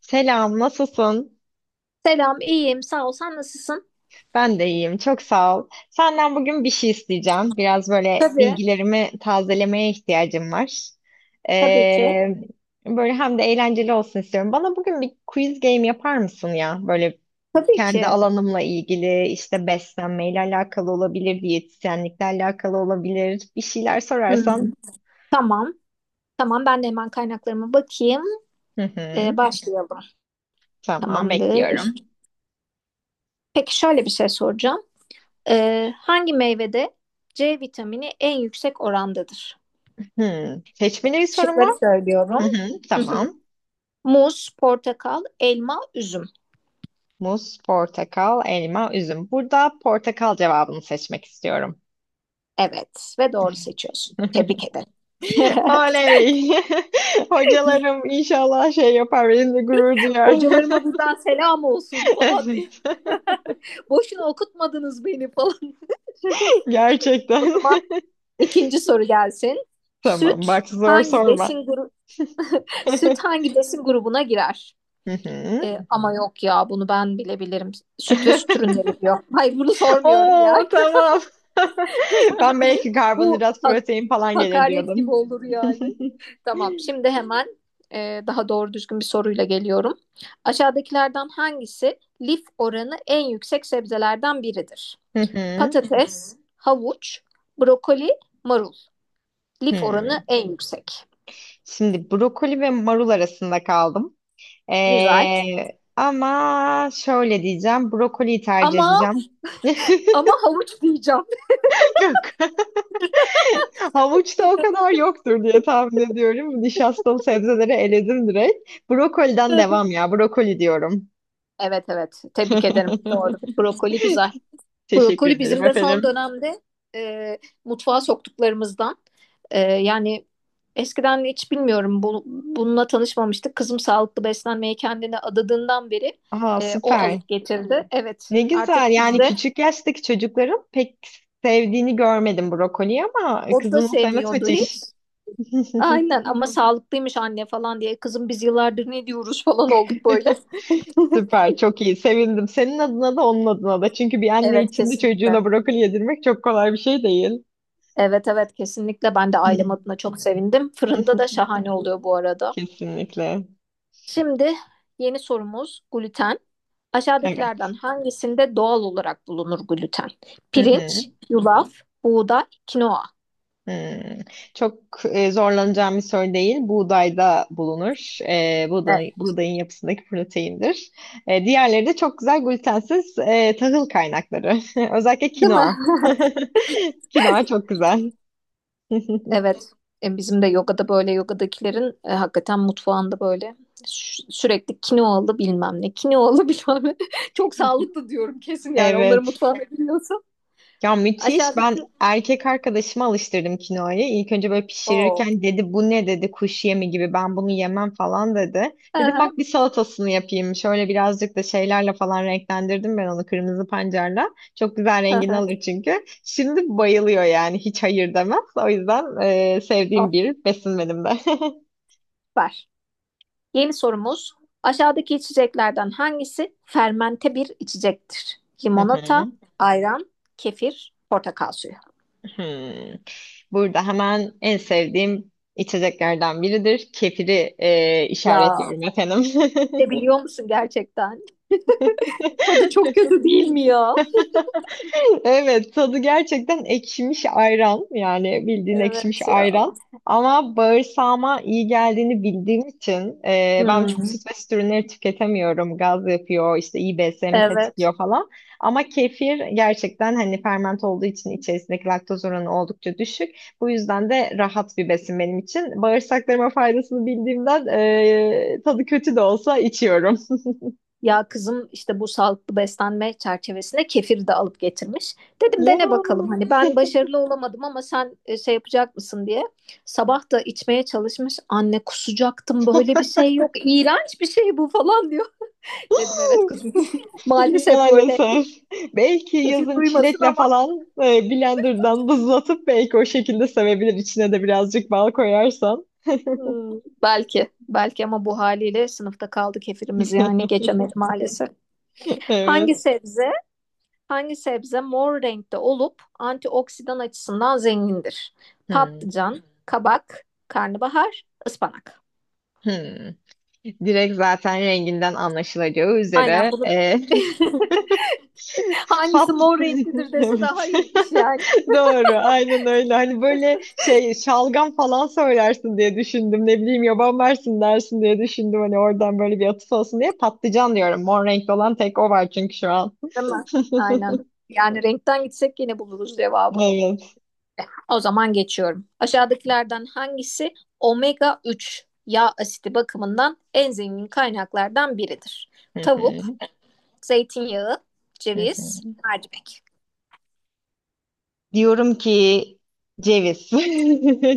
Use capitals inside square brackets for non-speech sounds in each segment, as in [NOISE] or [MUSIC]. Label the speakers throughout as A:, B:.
A: Selam, nasılsın?
B: Selam, iyiyim. Sağ ol. Sen nasılsın?
A: Ben de iyiyim, çok sağ ol. Senden bugün bir şey isteyeceğim. Biraz böyle
B: Tabii,
A: bilgilerimi tazelemeye ihtiyacım var.
B: tabii ki.
A: Ee, Böyle hem de eğlenceli olsun istiyorum. Bana bugün bir quiz game yapar mısın ya? Böyle
B: Tabii
A: kendi
B: ki.
A: alanımla ilgili, işte beslenmeyle alakalı olabilir, diyetisyenlikle alakalı olabilir. Bir şeyler sorarsan.
B: Hmm. Tamam. Tamam, ben de hemen kaynaklarıma bakayım.
A: Hı hı,
B: Başlayalım.
A: tamam,
B: Tamamdır.
A: bekliyorum.
B: Peki şöyle bir şey soracağım. Hangi meyvede C vitamini en yüksek orandadır?
A: Hı, seçmeli bir soru mu?
B: Şıkları
A: Hı
B: söylüyorum.
A: hı,
B: Hı hı.
A: tamam.
B: Muz, portakal, elma, üzüm.
A: Muz, portakal, elma, üzüm. Burada portakal cevabını seçmek istiyorum.
B: Evet ve doğru seçiyorsun. Tebrik
A: [LAUGHS]
B: ederim. [LAUGHS]
A: Oley! [LAUGHS] Hocalarım inşallah şey yapar, benimle gurur duyar. [LAUGHS]
B: Hocalarıma buradan selam olsun falan diye.
A: Evet.
B: [LAUGHS] Boşuna okutmadınız beni falan. [LAUGHS]
A: [LAUGHS]
B: O
A: Gerçekten.
B: zaman ikinci soru gelsin.
A: [LAUGHS] Tamam,
B: Süt
A: bak zor
B: hangi
A: sorma.
B: besin grubu [LAUGHS]
A: [LAUGHS]
B: süt hangi besin grubuna girer?
A: Hı hı.
B: Ama yok ya bunu ben bilebilirim. Süt ve süt
A: [LAUGHS]
B: ürünleri diyor. Hayır bunu sormuyorum ya.
A: Oo tamam. [LAUGHS] Ben belki
B: [LAUGHS] Bu
A: karbonhidrat, protein falan gelir
B: hakaret gibi
A: diyordum.
B: olur yani.
A: [LAUGHS]
B: Tamam, şimdi hemen daha doğru düzgün bir soruyla geliyorum. Aşağıdakilerden hangisi lif oranı en yüksek sebzelerden biridir?
A: Hı hı.
B: Patates, havuç, brokoli, marul. Lif
A: Hı.
B: oranı en yüksek.
A: Şimdi brokoli ve marul arasında kaldım.
B: Güzel.
A: Ama şöyle diyeceğim. Brokoliyi tercih
B: Ama
A: edeceğim.
B: ama
A: [LAUGHS]
B: havuç diyeceğim.
A: Yok. [LAUGHS] Havuçta o kadar yoktur diye tahmin ediyorum. Nişastalı sebzeleri eledim direkt. Brokoliden devam
B: [LAUGHS]
A: ya. Brokoli diyorum.
B: Evet evet. Tebrik ederim. Doğru. Brokoli güzel.
A: [LAUGHS] Teşekkür
B: Brokoli
A: ederim
B: bizim de son
A: efendim.
B: dönemde e, mutfağa soktuklarımızdan. Yani eskiden hiç bilmiyorum bu, bununla tanışmamıştık. Kızım sağlıklı beslenmeye kendine adadığından beri
A: Aa
B: o
A: süper.
B: alıp getirdi. Evet.
A: Ne güzel.
B: Artık
A: Yani
B: bizde
A: küçük yaştaki çocukların pek sevdiğini görmedim brokoliyi ama
B: o da
A: kızının sevmesi
B: sevmiyordu hiç.
A: müthiş. [LAUGHS]
B: Aynen ama sağlıklıymış anne falan diye. Kızım biz yıllardır ne diyoruz falan olduk böyle.
A: [LAUGHS]
B: [LAUGHS]
A: Süper, çok iyi. Sevindim. Senin adına da onun adına da. Çünkü bir anne
B: Evet,
A: için de
B: kesinlikle.
A: çocuğuna brokoli yedirmek çok kolay bir şey değil.
B: Evet evet, kesinlikle ben de ailem adına çok sevindim.
A: [LAUGHS]
B: Fırında da şahane oluyor bu arada.
A: Kesinlikle.
B: Şimdi yeni sorumuz gluten.
A: Evet.
B: Aşağıdakilerden hangisinde doğal olarak bulunur gluten?
A: Hı hı.
B: Pirinç, yulaf, buğday, kinoa.
A: Hmm. Çok zorlanacağım bir soru değil. Buğdayda bulunur.
B: Evet.
A: Buğday, buğdayın yapısındaki proteindir. Diğerleri de çok güzel glutensiz tahıl kaynakları. [LAUGHS] Özellikle
B: Değil mi?
A: kinoa.
B: [LAUGHS]
A: [LAUGHS] Kinoa çok güzel. [LAUGHS]
B: Evet. Bizim de yogada böyle yogadakilerin hakikaten mutfağında böyle sürekli kinoalı bilmem ne, kinoalı [LAUGHS] bilmem ne. Çok sağlıklı diyorum kesin, yani onların
A: Evet.
B: mutfağını biliyorsun.
A: Ya müthiş.
B: Aşağıdaki.
A: Ben erkek arkadaşıma alıştırdım kinoayı. İlk önce böyle
B: Oo.
A: pişirirken dedi bu ne dedi kuş yemi gibi ben bunu yemem falan dedi.
B: Hı
A: Dedim
B: hı,
A: bak bir salatasını yapayım. Şöyle birazcık da şeylerle falan renklendirdim ben onu kırmızı pancarla. Çok güzel
B: hı
A: rengini
B: hı.
A: alır çünkü. Şimdi bayılıyor yani hiç hayır demez. O yüzden sevdiğim
B: Oh,
A: bir besin benim de. [LAUGHS]
B: süper. Yeni sorumuz. Aşağıdaki içeceklerden hangisi fermente bir içecektir?
A: Hı
B: Limonata,
A: hı.
B: ayran, kefir, portakal suyu.
A: Hmm. Burada hemen en sevdiğim içeceklerden biridir. Kefiri
B: Ya
A: işaretliyorum efendim. [LAUGHS]
B: sebiliyor musun gerçekten? Tadı çok kötü değil mi ya?
A: Evet, tadı gerçekten ekşimiş ayran. Yani bildiğin ekşimiş
B: Evet ya.
A: ayran. Ama bağırsağıma iyi geldiğini bildiğim için ben çok
B: Hmm,
A: süt ve süt ürünleri tüketemiyorum. Gaz yapıyor, işte iyi BSM'i
B: evet.
A: tetikliyor falan. Ama kefir gerçekten hani ferment olduğu için içerisindeki laktoz oranı oldukça düşük. Bu yüzden de rahat bir besin benim için. Bağırsaklarıma faydasını bildiğimden tadı kötü de olsa içiyorum. [LAUGHS]
B: Ya kızım işte bu sağlıklı beslenme çerçevesine kefir de alıp getirmiş. Dedim
A: Ya.
B: dene bakalım, hani ben başarılı olamadım ama sen şey yapacak mısın diye. Sabah da içmeye çalışmış. Anne kusacaktım, böyle bir şey yok. İğrenç bir şey bu falan diyor. Dedim evet kızım. [LAUGHS] Maalesef böyle
A: Maalesef. Belki
B: kefil
A: yazın
B: duymasın
A: çilekle
B: ama
A: falan blenderdan buzlatıp belki o şekilde sevebilir. İçine de birazcık bal koyarsan.
B: hmm, belki belki ama bu haliyle sınıfta kaldı kefirimiz, yani geçemedi maalesef.
A: Evet.
B: Hangi sebze Hangi sebze mor renkte olup antioksidan açısından zengindir?
A: Hmm,
B: Patlıcan, kabak, karnabahar, ıspanak.
A: hmm. Direkt zaten renginden anlaşılacağı
B: Aynen,
A: üzere
B: bunu
A: [LAUGHS]
B: [LAUGHS]
A: Pat.
B: hangisi mor
A: [LAUGHS]
B: renklidir dese daha
A: Evet.
B: iyiymiş yani.
A: [LAUGHS] Doğru. Aynen öyle. Hani böyle şey şalgam falan söylersin diye düşündüm. Ne bileyim yaban versin dersin diye düşündüm. Hani oradan böyle bir atıf olsun diye patlıcan diyorum. Mor renkli olan tek o var çünkü şu an.
B: Değil mi? Aynen. Yani renkten gitsek yine buluruz
A: [LAUGHS]
B: cevabı.
A: Evet.
B: O zaman geçiyorum. Aşağıdakilerden hangisi omega 3 yağ asidi bakımından en zengin kaynaklardan biridir?
A: Hı
B: Tavuk,
A: hı,
B: zeytinyağı,
A: hı hı.
B: ceviz, mercimek.
A: Diyorum ki ceviz.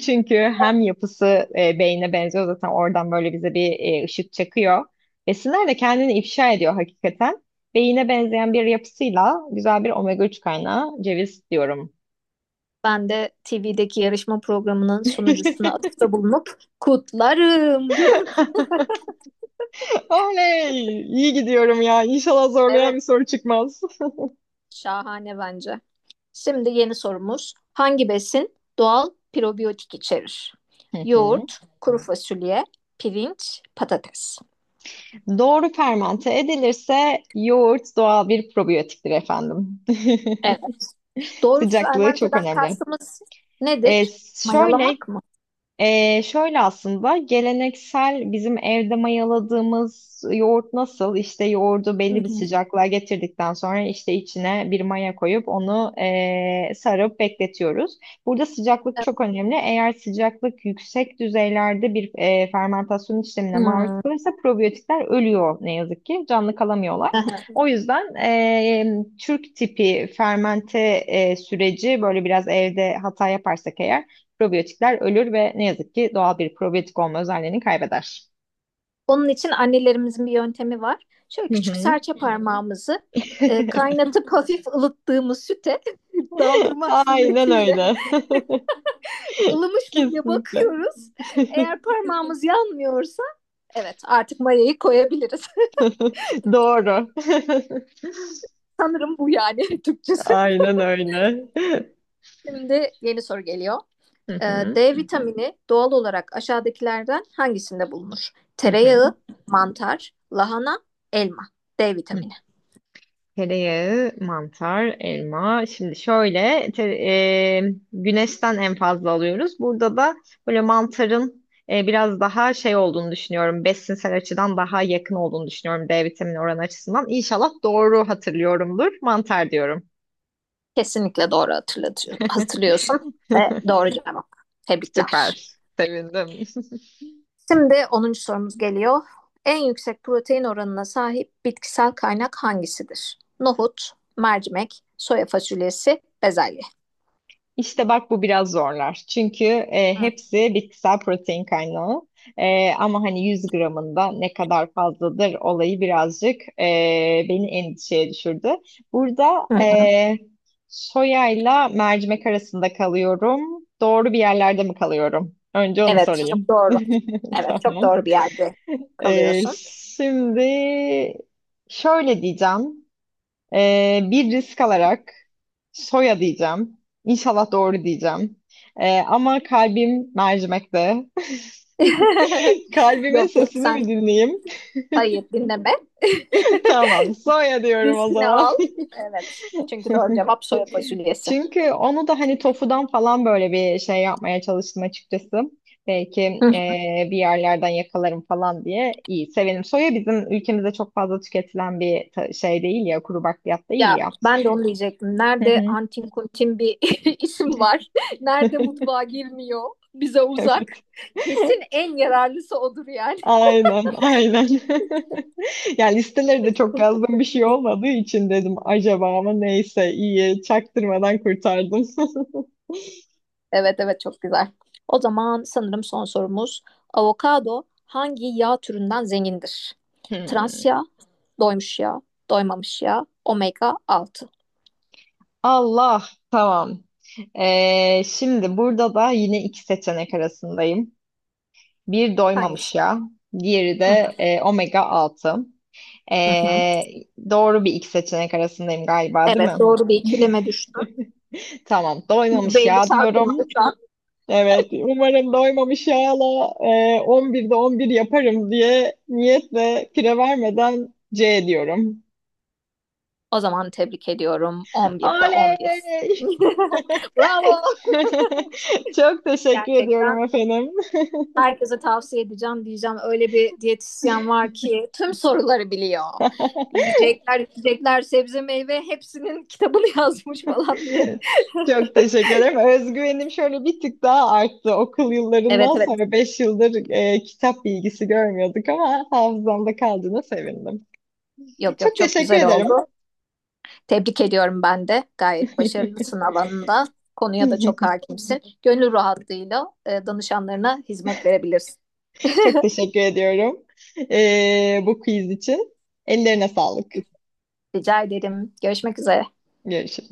A: [LAUGHS] Çünkü hem yapısı beyne benziyor zaten oradan böyle bize bir ışık çakıyor. Besinler de kendini ifşa ediyor hakikaten. Beyine benzeyen bir yapısıyla güzel bir omega 3 kaynağı ceviz diyorum.
B: Ben de TV'deki yarışma programının sunucusuna
A: [LAUGHS]
B: atıfta bulunup kutlarım diyorum.
A: Oley! İyi gidiyorum ya. İnşallah zorlayan
B: Evet,
A: bir soru çıkmaz.
B: şahane bence. Şimdi yeni sorumuz. Hangi besin doğal probiyotik içerir?
A: Hı hı.
B: Yoğurt, kuru fasulye, pirinç, patates.
A: Doğru fermente edilirse yoğurt doğal bir probiyotiktir efendim.
B: Evet.
A: [LAUGHS]
B: Doğrusu
A: Sıcaklığı çok
B: Ermente'den
A: önemli.
B: kastımız
A: E,
B: nedir?
A: şöyle
B: Mayalamak mı?
A: Şöyle aslında geleneksel bizim evde mayaladığımız yoğurt nasıl? İşte yoğurdu
B: Hı
A: belli bir
B: hı.
A: sıcaklığa getirdikten sonra işte içine bir maya koyup onu sarıp bekletiyoruz. Burada sıcaklık
B: Evet.
A: çok önemli. Eğer sıcaklık yüksek düzeylerde bir fermentasyon işlemine maruz
B: Hmm.
A: kalırsa probiyotikler ölüyor ne yazık ki. Canlı kalamıyorlar.
B: Aha.
A: O yüzden Türk tipi fermente süreci böyle biraz evde hata yaparsak eğer probiyotikler ölür ve ne yazık ki doğal bir probiyotik olma özelliğini kaybeder.
B: Onun için annelerimizin bir yöntemi var. Şöyle
A: Hı
B: küçük
A: hı.
B: serçe parmağımızı
A: [LAUGHS]
B: kaynatıp [LAUGHS] hafif ılıttığımız süte [LAUGHS] daldırmak
A: Aynen
B: suretiyle
A: öyle. [LAUGHS]
B: ılımış mı diye
A: Kesinlikle.
B: bakıyoruz. Eğer parmağımız [LAUGHS] yanmıyorsa evet, artık mayayı koyabiliriz.
A: [LAUGHS] Doğru.
B: [LAUGHS] Sanırım bu yani [LAUGHS]
A: [LAUGHS]
B: Türkçesi.
A: Aynen öyle. [LAUGHS]
B: Şimdi yeni soru geliyor.
A: Hı hı.
B: D vitamini doğal olarak aşağıdakilerden hangisinde bulunur?
A: Hı hı.
B: Tereyağı, mantar, lahana, elma. D vitamini.
A: Tereyağı, mantar, elma. Şimdi şöyle güneşten en fazla alıyoruz. Burada da böyle mantarın biraz daha şey olduğunu düşünüyorum. Besinsel açıdan daha yakın olduğunu düşünüyorum D vitamini oranı açısından. İnşallah doğru hatırlıyorumdur. Mantar diyorum.
B: Kesinlikle doğru hatırlatıyor, hatırlıyorsun ve
A: [LAUGHS]
B: doğru cevap. Tebrikler.
A: Süper. Sevindim.
B: Şimdi onuncu sorumuz geliyor. En yüksek protein oranına sahip bitkisel kaynak hangisidir? Nohut, mercimek, soya fasulyesi, bezelye.
A: İşte bak bu biraz zorlar. Çünkü hepsi bitkisel protein kaynağı. Ama hani 100 gramında ne kadar fazladır olayı birazcık beni endişeye düşürdü. Burada
B: Hı hı.
A: soyayla mercimek arasında kalıyorum. Doğru bir yerlerde mi kalıyorum? Önce onu
B: Evet, çok
A: sorayım.
B: doğru.
A: [LAUGHS]
B: Evet, çok
A: Tamam.
B: doğru bir yerde kalıyorsun.
A: Şimdi şöyle diyeceğim. Bir risk alarak soya diyeceğim. İnşallah doğru diyeceğim. Ama kalbim mercimekte. [LAUGHS]
B: [LAUGHS]
A: Kalbimin
B: Yok yok
A: sesini mi
B: sen,
A: dinleyeyim?
B: hayır dinleme.
A: [LAUGHS] Tamam, soya
B: [LAUGHS]
A: diyorum o
B: Riskini
A: zaman.
B: al. Evet. Çünkü doğru
A: [LAUGHS]
B: cevap soya fasulyesi.
A: Çünkü onu da hani tofudan falan böyle bir şey yapmaya çalıştım açıkçası. Belki
B: Hı.
A: bir yerlerden yakalarım falan diye iyi sevelim. Soya bizim ülkemizde çok fazla tüketilen bir şey değil ya, kuru bakliyat değil
B: Ya
A: ya.
B: ben de onu diyecektim. Nerede
A: [LAUGHS]
B: antin kuntin bir [LAUGHS] isim var. Nerede mutfağa girmiyor. Bize uzak.
A: Evet.
B: Kesin
A: [LAUGHS]
B: en yararlısı odur yani.
A: Aynen, aynen. [LAUGHS] Yani listeleri de çok yazdığım bir şey olmadığı için dedim acaba ama neyse iyi çaktırmadan kurtardım. [LAUGHS]
B: Evet evet, çok güzel. O zaman sanırım son sorumuz. Avokado hangi yağ türünden zengindir? Trans
A: Hmm.
B: yağ, doymuş yağ, doymamış yağ, omega 6.
A: Allah tamam. Şimdi burada da yine iki seçenek arasındayım. Bir
B: Hangisi?
A: doymamış yağ, diğeri
B: Hı hı.
A: de omega 6.
B: Hı hı.
A: Ee, doğru bir iki seçenek arasındayım galiba, değil
B: Evet,
A: mi?
B: doğru bir ikileme düştüm.
A: [LAUGHS] Tamam, doymamış
B: %50
A: yağ
B: şansım
A: diyorum.
B: var şu an.
A: Evet, umarım doymamış yağla 11'de 11 yaparım diye niyetle kire vermeden C diyorum.
B: O zaman tebrik ediyorum. 11'de 11.
A: Oley!
B: [LAUGHS] Bravo.
A: [LAUGHS] Çok teşekkür ediyorum
B: Gerçekten
A: efendim. [LAUGHS]
B: herkese tavsiye edeceğim diyeceğim. Öyle bir diyetisyen var ki tüm soruları biliyor. Yiyecekler, içecekler, sebze, meyve hepsinin kitabını [LAUGHS] yazmış falan diye.
A: Çok teşekkür ederim. Özgüvenim şöyle bir tık daha arttı. Okul
B: Evet
A: yıllarından
B: evet.
A: sonra 5 yıldır kitap bilgisi görmüyorduk ama hafızamda kaldığına sevindim.
B: Yok yok,
A: Çok
B: çok
A: teşekkür
B: güzel
A: ederim.
B: oldu. Tebrik ediyorum ben de. Gayet başarılısın alanında. Konuya da çok
A: [LAUGHS]
B: hakimsin. Gönül rahatlığıyla danışanlarına hizmet verebilirsin.
A: Çok teşekkür ediyorum bu quiz için. Ellerine sağlık.
B: Rica ederim. Görüşmek üzere.
A: Görüşürüz.